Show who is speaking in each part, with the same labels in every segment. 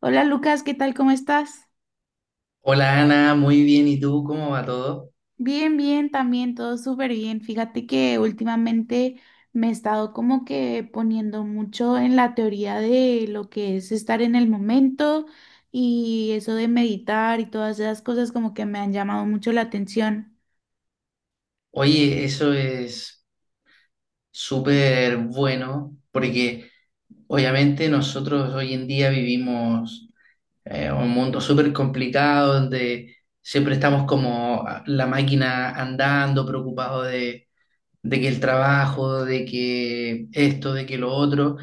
Speaker 1: Hola Lucas, ¿qué tal? ¿Cómo estás?
Speaker 2: Hola Ana, muy bien. ¿Y tú cómo va todo?
Speaker 1: Bien, bien, también todo súper bien. Fíjate que últimamente me he estado como que poniendo mucho en la teoría de lo que es estar en el momento y eso de meditar y todas esas cosas como que me han llamado mucho la atención.
Speaker 2: Oye, eso es súper bueno porque obviamente nosotros hoy en día vivimos un mundo súper complicado donde siempre estamos como la máquina andando, preocupados de que el trabajo, de que esto, de que lo otro.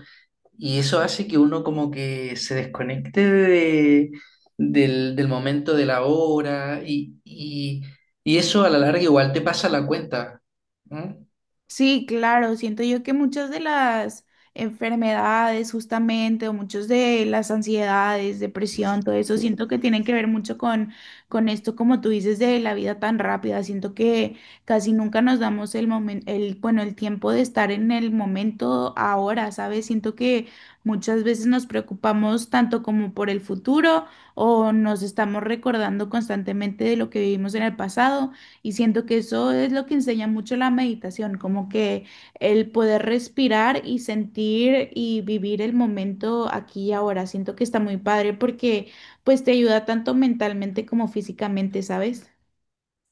Speaker 2: Y eso hace que uno como que se desconecte del momento de la hora y eso a la larga igual te pasa la cuenta, ¿no?
Speaker 1: Sí, claro, siento yo que muchas de las enfermedades justamente o muchas de las ansiedades, depresión, todo eso, siento que tienen que ver mucho con esto, como tú dices, de la vida tan rápida. Siento que casi nunca nos damos el momento, el, bueno, el tiempo de estar en el momento ahora, ¿sabes? Siento que muchas veces nos preocupamos tanto como por el futuro o nos estamos recordando constantemente de lo que vivimos en el pasado. Y siento que eso es lo que enseña mucho la meditación, como que el poder respirar y sentir y vivir el momento aquí y ahora. Siento que está muy padre porque pues te ayuda tanto mentalmente como físicamente, ¿sabes?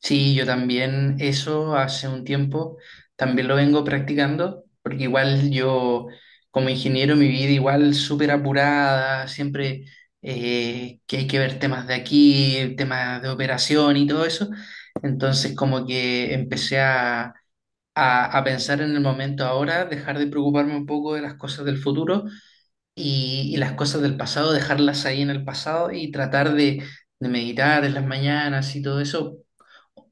Speaker 2: Sí, yo también eso hace un tiempo también lo vengo practicando porque igual yo como ingeniero mi vida igual súper apurada, siempre que hay que ver temas de aquí, temas de operación y todo eso. Entonces como que empecé a pensar en el momento ahora, dejar de preocuparme un poco de las cosas del futuro y las cosas del pasado, dejarlas ahí en el pasado y tratar de meditar en las mañanas y todo eso.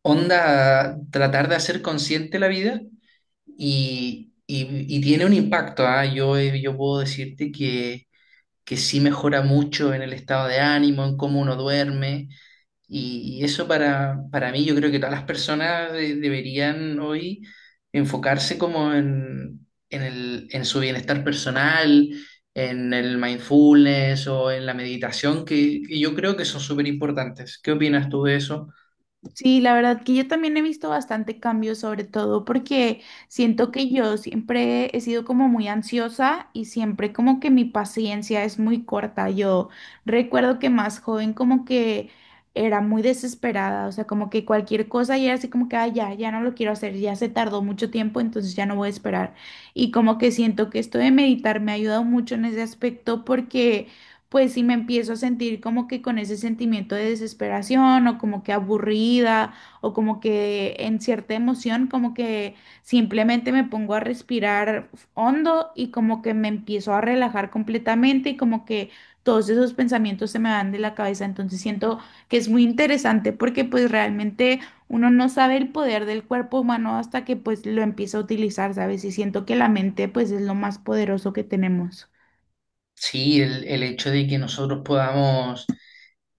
Speaker 2: Onda, tratar de hacer consciente la vida y tiene un impacto, ¿ah? Yo, yo puedo decirte que sí mejora mucho en el estado de ánimo, en cómo uno duerme. Y eso para mí, yo creo que todas las personas deberían hoy enfocarse como en su bienestar personal, en el mindfulness o en la meditación, que yo creo que son súper importantes. ¿Qué opinas tú de eso?
Speaker 1: Sí, la verdad que yo también he visto bastante cambio, sobre todo porque siento que yo siempre he sido como muy ansiosa y siempre como que mi paciencia es muy corta. Yo recuerdo que más joven como que era muy desesperada, o sea, como que cualquier cosa y era así como que, "Ay, ya, ya no lo quiero hacer, ya se tardó mucho tiempo, entonces ya no voy a esperar". Y como que siento que esto de meditar me ha ayudado mucho en ese aspecto porque pues si me empiezo a sentir como que con ese sentimiento de desesperación o como que aburrida o como que en cierta emoción, como que simplemente me pongo a respirar hondo y como que me empiezo a relajar completamente y como que todos esos pensamientos se me van de la cabeza. Entonces siento que es muy interesante porque pues realmente uno no sabe el poder del cuerpo humano hasta que pues lo empieza a utilizar, ¿sabes? Y siento que la mente pues es lo más poderoso que tenemos.
Speaker 2: Sí, el hecho de que nosotros podamos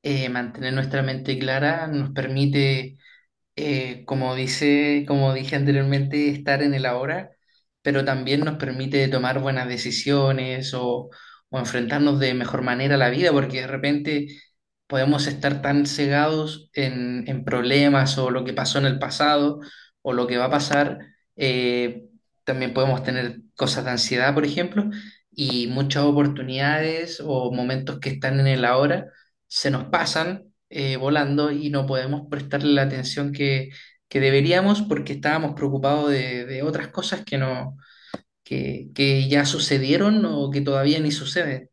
Speaker 2: mantener nuestra mente clara nos permite, como dice, como dije anteriormente, estar en el ahora, pero también nos permite tomar buenas decisiones o enfrentarnos de mejor manera a la vida, porque de repente podemos estar tan cegados en problemas o lo que pasó en el pasado o lo que va a pasar. eh, también podemos tener cosas de ansiedad, por ejemplo, y muchas oportunidades o momentos que están en el ahora se nos pasan, volando y no podemos prestarle la atención que deberíamos porque estábamos preocupados de otras cosas que no, que ya sucedieron o que todavía ni suceden.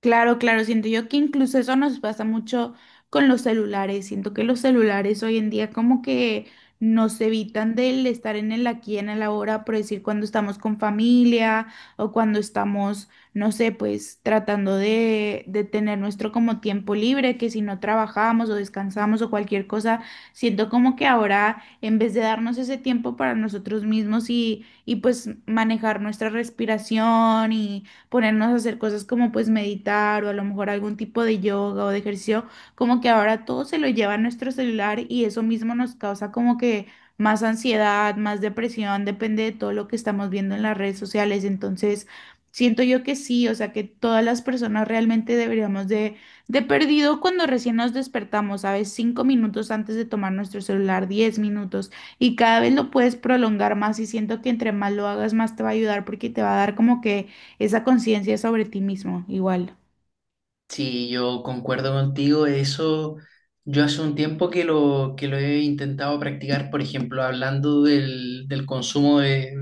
Speaker 1: Claro, claro, siento yo que incluso eso nos pasa mucho con los celulares. Siento que los celulares hoy en día como que nos evitan del estar en el aquí, en el ahora, por decir cuando estamos con familia o cuando estamos, no sé, pues tratando de tener nuestro como tiempo libre, que si no trabajamos o descansamos o cualquier cosa, siento como que ahora en vez de darnos ese tiempo para nosotros mismos y pues manejar nuestra respiración y ponernos a hacer cosas como pues meditar o a lo mejor algún tipo de yoga o de ejercicio, como que ahora todo se lo lleva a nuestro celular y eso mismo nos causa como que más ansiedad, más depresión, depende de todo lo que estamos viendo en las redes sociales. Entonces, siento yo que sí, o sea que todas las personas realmente deberíamos de... De perdido cuando recién nos despertamos, ¿sabes? 5 minutos antes de tomar nuestro celular, 10 minutos, y cada vez lo puedes prolongar más y siento que entre más lo hagas, más te va a ayudar porque te va a dar como que esa conciencia sobre ti mismo, igual.
Speaker 2: Sí, yo concuerdo contigo. Eso yo hace un tiempo que lo he intentado practicar, por ejemplo, hablando del consumo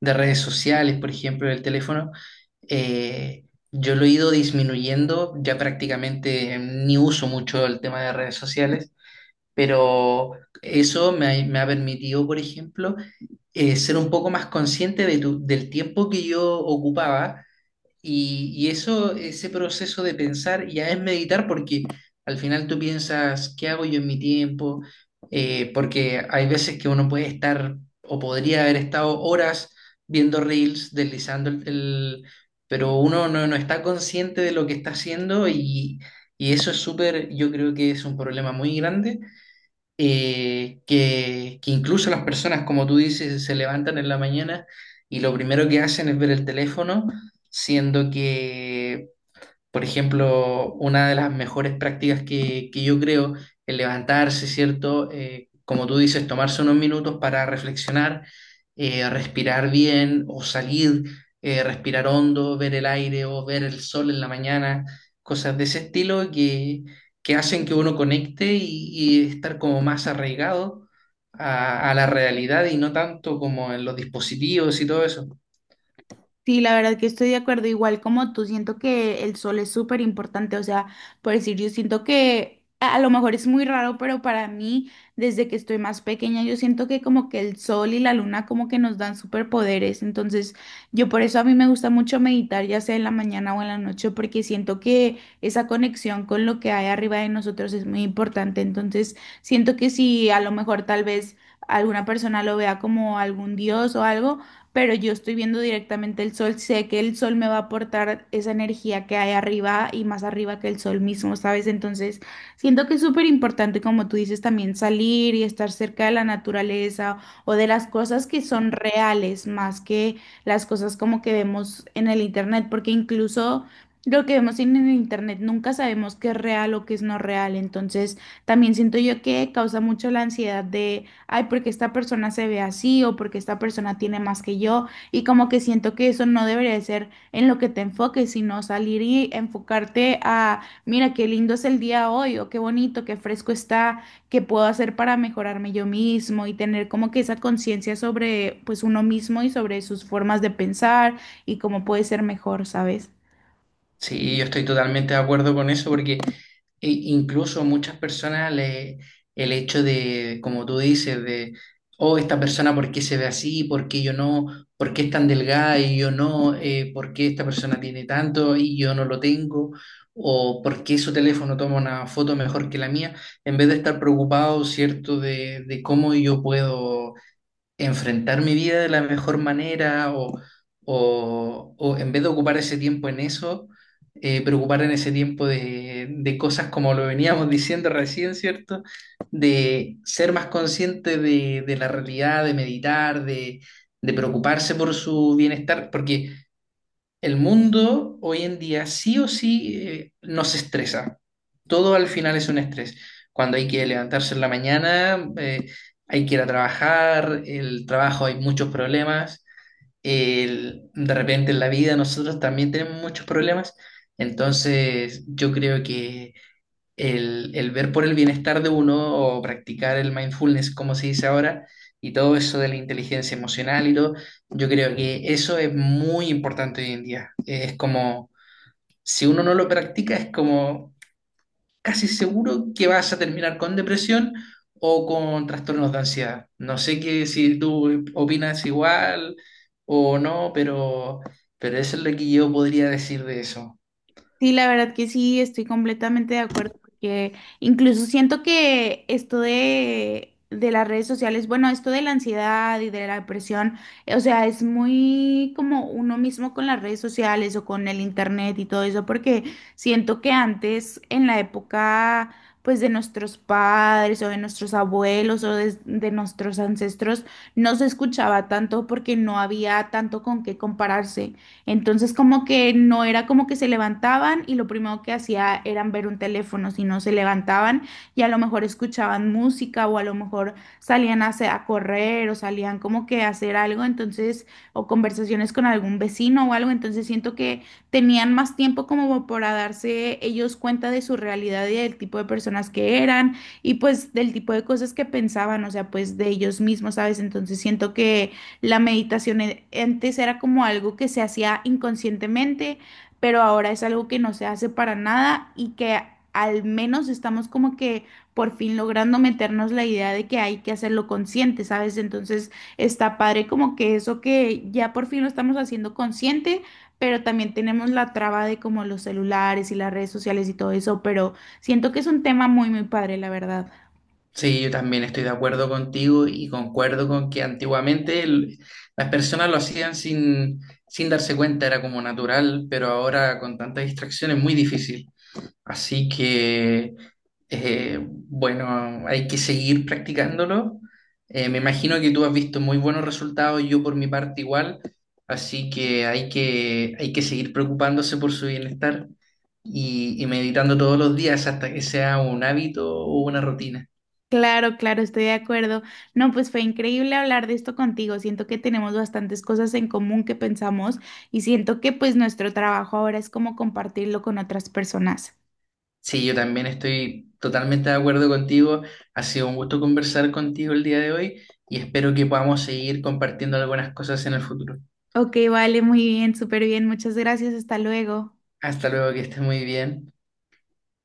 Speaker 2: de redes sociales, por ejemplo, del teléfono. eh, yo lo he ido disminuyendo, ya prácticamente ni uso mucho el tema de redes sociales, pero eso me ha permitido, por ejemplo, ser un poco más consciente del tiempo que yo ocupaba y eso, ese proceso de pensar ya es meditar porque al final tú piensas, ¿qué hago yo en mi tiempo? Porque hay veces que uno puede estar o podría haber estado horas viendo reels, deslizando. Pero uno no está consciente de lo que está haciendo y eso es súper, yo creo que es un problema muy grande, que incluso las personas, como tú dices, se levantan en la mañana y lo primero que hacen es ver el teléfono, siendo que, por ejemplo, una de las mejores prácticas que yo creo, el levantarse, ¿cierto? Como tú dices, tomarse unos minutos para reflexionar, respirar bien o salir, respirar hondo, ver el aire o ver el sol en la mañana, cosas de ese estilo que hacen que uno conecte y estar como más arraigado a la realidad y no tanto como en los dispositivos y todo eso.
Speaker 1: Sí, la verdad que estoy de acuerdo, igual como tú, siento que el sol es súper importante, o sea, por decir, yo siento que a lo mejor es muy raro, pero para mí, desde que estoy más pequeña, yo siento que como que el sol y la luna como que nos dan superpoderes, entonces yo por eso a mí me gusta mucho meditar, ya sea en la mañana o en la noche, porque siento que esa conexión con lo que hay arriba de nosotros es muy importante, entonces siento que si a lo mejor tal vez alguna persona lo vea como algún dios o algo, pero yo estoy viendo directamente el sol, sé que el sol me va a aportar esa energía que hay arriba y más arriba que el sol mismo, ¿sabes? Entonces, siento que es súper importante, como tú dices, también salir y estar cerca de la naturaleza o de las cosas que son reales más que las cosas como que vemos en el internet, porque incluso... Lo que vemos en el internet nunca sabemos qué es real o qué es no real, entonces también siento yo que causa mucho la ansiedad de ay, porque esta persona se ve así o porque esta persona tiene más que yo y como que siento que eso no debería de ser en lo que te enfoques, sino salir y enfocarte a, mira, qué lindo es el día hoy o qué bonito, qué fresco está, qué puedo hacer para mejorarme yo mismo y tener como que esa conciencia sobre pues uno mismo y sobre sus formas de pensar y cómo puede ser mejor, ¿sabes?
Speaker 2: Sí, yo estoy totalmente de acuerdo con eso porque incluso muchas personas le, el hecho de, como tú dices, de, oh, esta persona, ¿por qué se ve así? ¿Por qué yo no? ¿Por qué es tan delgada y yo no? ¿Por qué esta persona tiene tanto y yo no lo tengo? ¿O por qué su teléfono toma una foto mejor que la mía? En vez de estar preocupado, ¿cierto?, de cómo yo puedo enfrentar mi vida de la mejor manera o en vez de ocupar ese tiempo en eso, preocupar en ese tiempo de cosas como lo veníamos diciendo recién, ¿cierto? De ser más consciente de la realidad, de meditar, de preocuparse por su bienestar, porque el mundo hoy en día sí o sí, nos estresa. Todo al final es un estrés. Cuando hay que levantarse en la mañana, hay que ir a trabajar, el trabajo hay muchos problemas, de repente en la vida nosotros también tenemos muchos problemas. Entonces yo creo que el ver por el bienestar de uno o practicar el mindfulness, como se dice ahora, y todo eso de la inteligencia emocional y todo, yo creo que eso es muy importante hoy en día. Es como, si uno no lo practica, es como casi seguro que vas a terminar con depresión o con trastornos de ansiedad. No sé que si tú opinas igual o no, pero eso es lo que yo podría decir de eso.
Speaker 1: Sí, la verdad que sí, estoy completamente de acuerdo, porque incluso siento que esto de las redes sociales, bueno, esto de la ansiedad y de la depresión, o sea, es muy como uno mismo con las redes sociales o con el internet y todo eso, porque siento que antes, en la época, pues de nuestros padres o de nuestros abuelos o de nuestros ancestros, no se escuchaba tanto porque no había tanto con qué compararse. Entonces como que no era como que se levantaban y lo primero que hacía eran ver un teléfono, sino se levantaban y a lo mejor escuchaban música o a lo mejor salían a, a correr o salían como que a hacer algo, entonces, o conversaciones con algún vecino o algo, entonces siento que tenían más tiempo como para darse ellos cuenta de su realidad y del tipo de personas que eran y pues del tipo de cosas que pensaban, o sea, pues de ellos mismos, ¿sabes? Entonces siento que la meditación antes era como algo que se hacía inconscientemente, pero ahora es algo que no se hace para nada y que al menos estamos como que por fin logrando meternos la idea de que hay que hacerlo consciente, ¿sabes? Entonces está padre como que eso que ya por fin lo estamos haciendo consciente, pero también tenemos la traba de como los celulares y las redes sociales y todo eso, pero siento que es un tema muy, muy padre, la verdad.
Speaker 2: Sí, yo también estoy de acuerdo contigo y concuerdo con que antiguamente las personas lo hacían sin darse cuenta, era como natural, pero ahora con tanta distracción es muy difícil. Así que, bueno, hay que seguir practicándolo. Me imagino que tú has visto muy buenos resultados, yo por mi parte igual, así que hay que seguir preocupándose por su bienestar y meditando todos los días hasta que sea un hábito o una rutina.
Speaker 1: Claro, claro, estoy de acuerdo. No, pues fue increíble hablar de esto contigo. Siento que tenemos bastantes cosas en común que pensamos y siento que pues nuestro trabajo ahora es como compartirlo con otras personas.
Speaker 2: Sí, yo también estoy totalmente de acuerdo contigo. Ha sido un gusto conversar contigo el día de hoy y espero que podamos seguir compartiendo algunas cosas en el futuro.
Speaker 1: Ok, vale, muy bien, súper bien. Muchas gracias. Hasta luego.
Speaker 2: Hasta luego, que estés muy bien.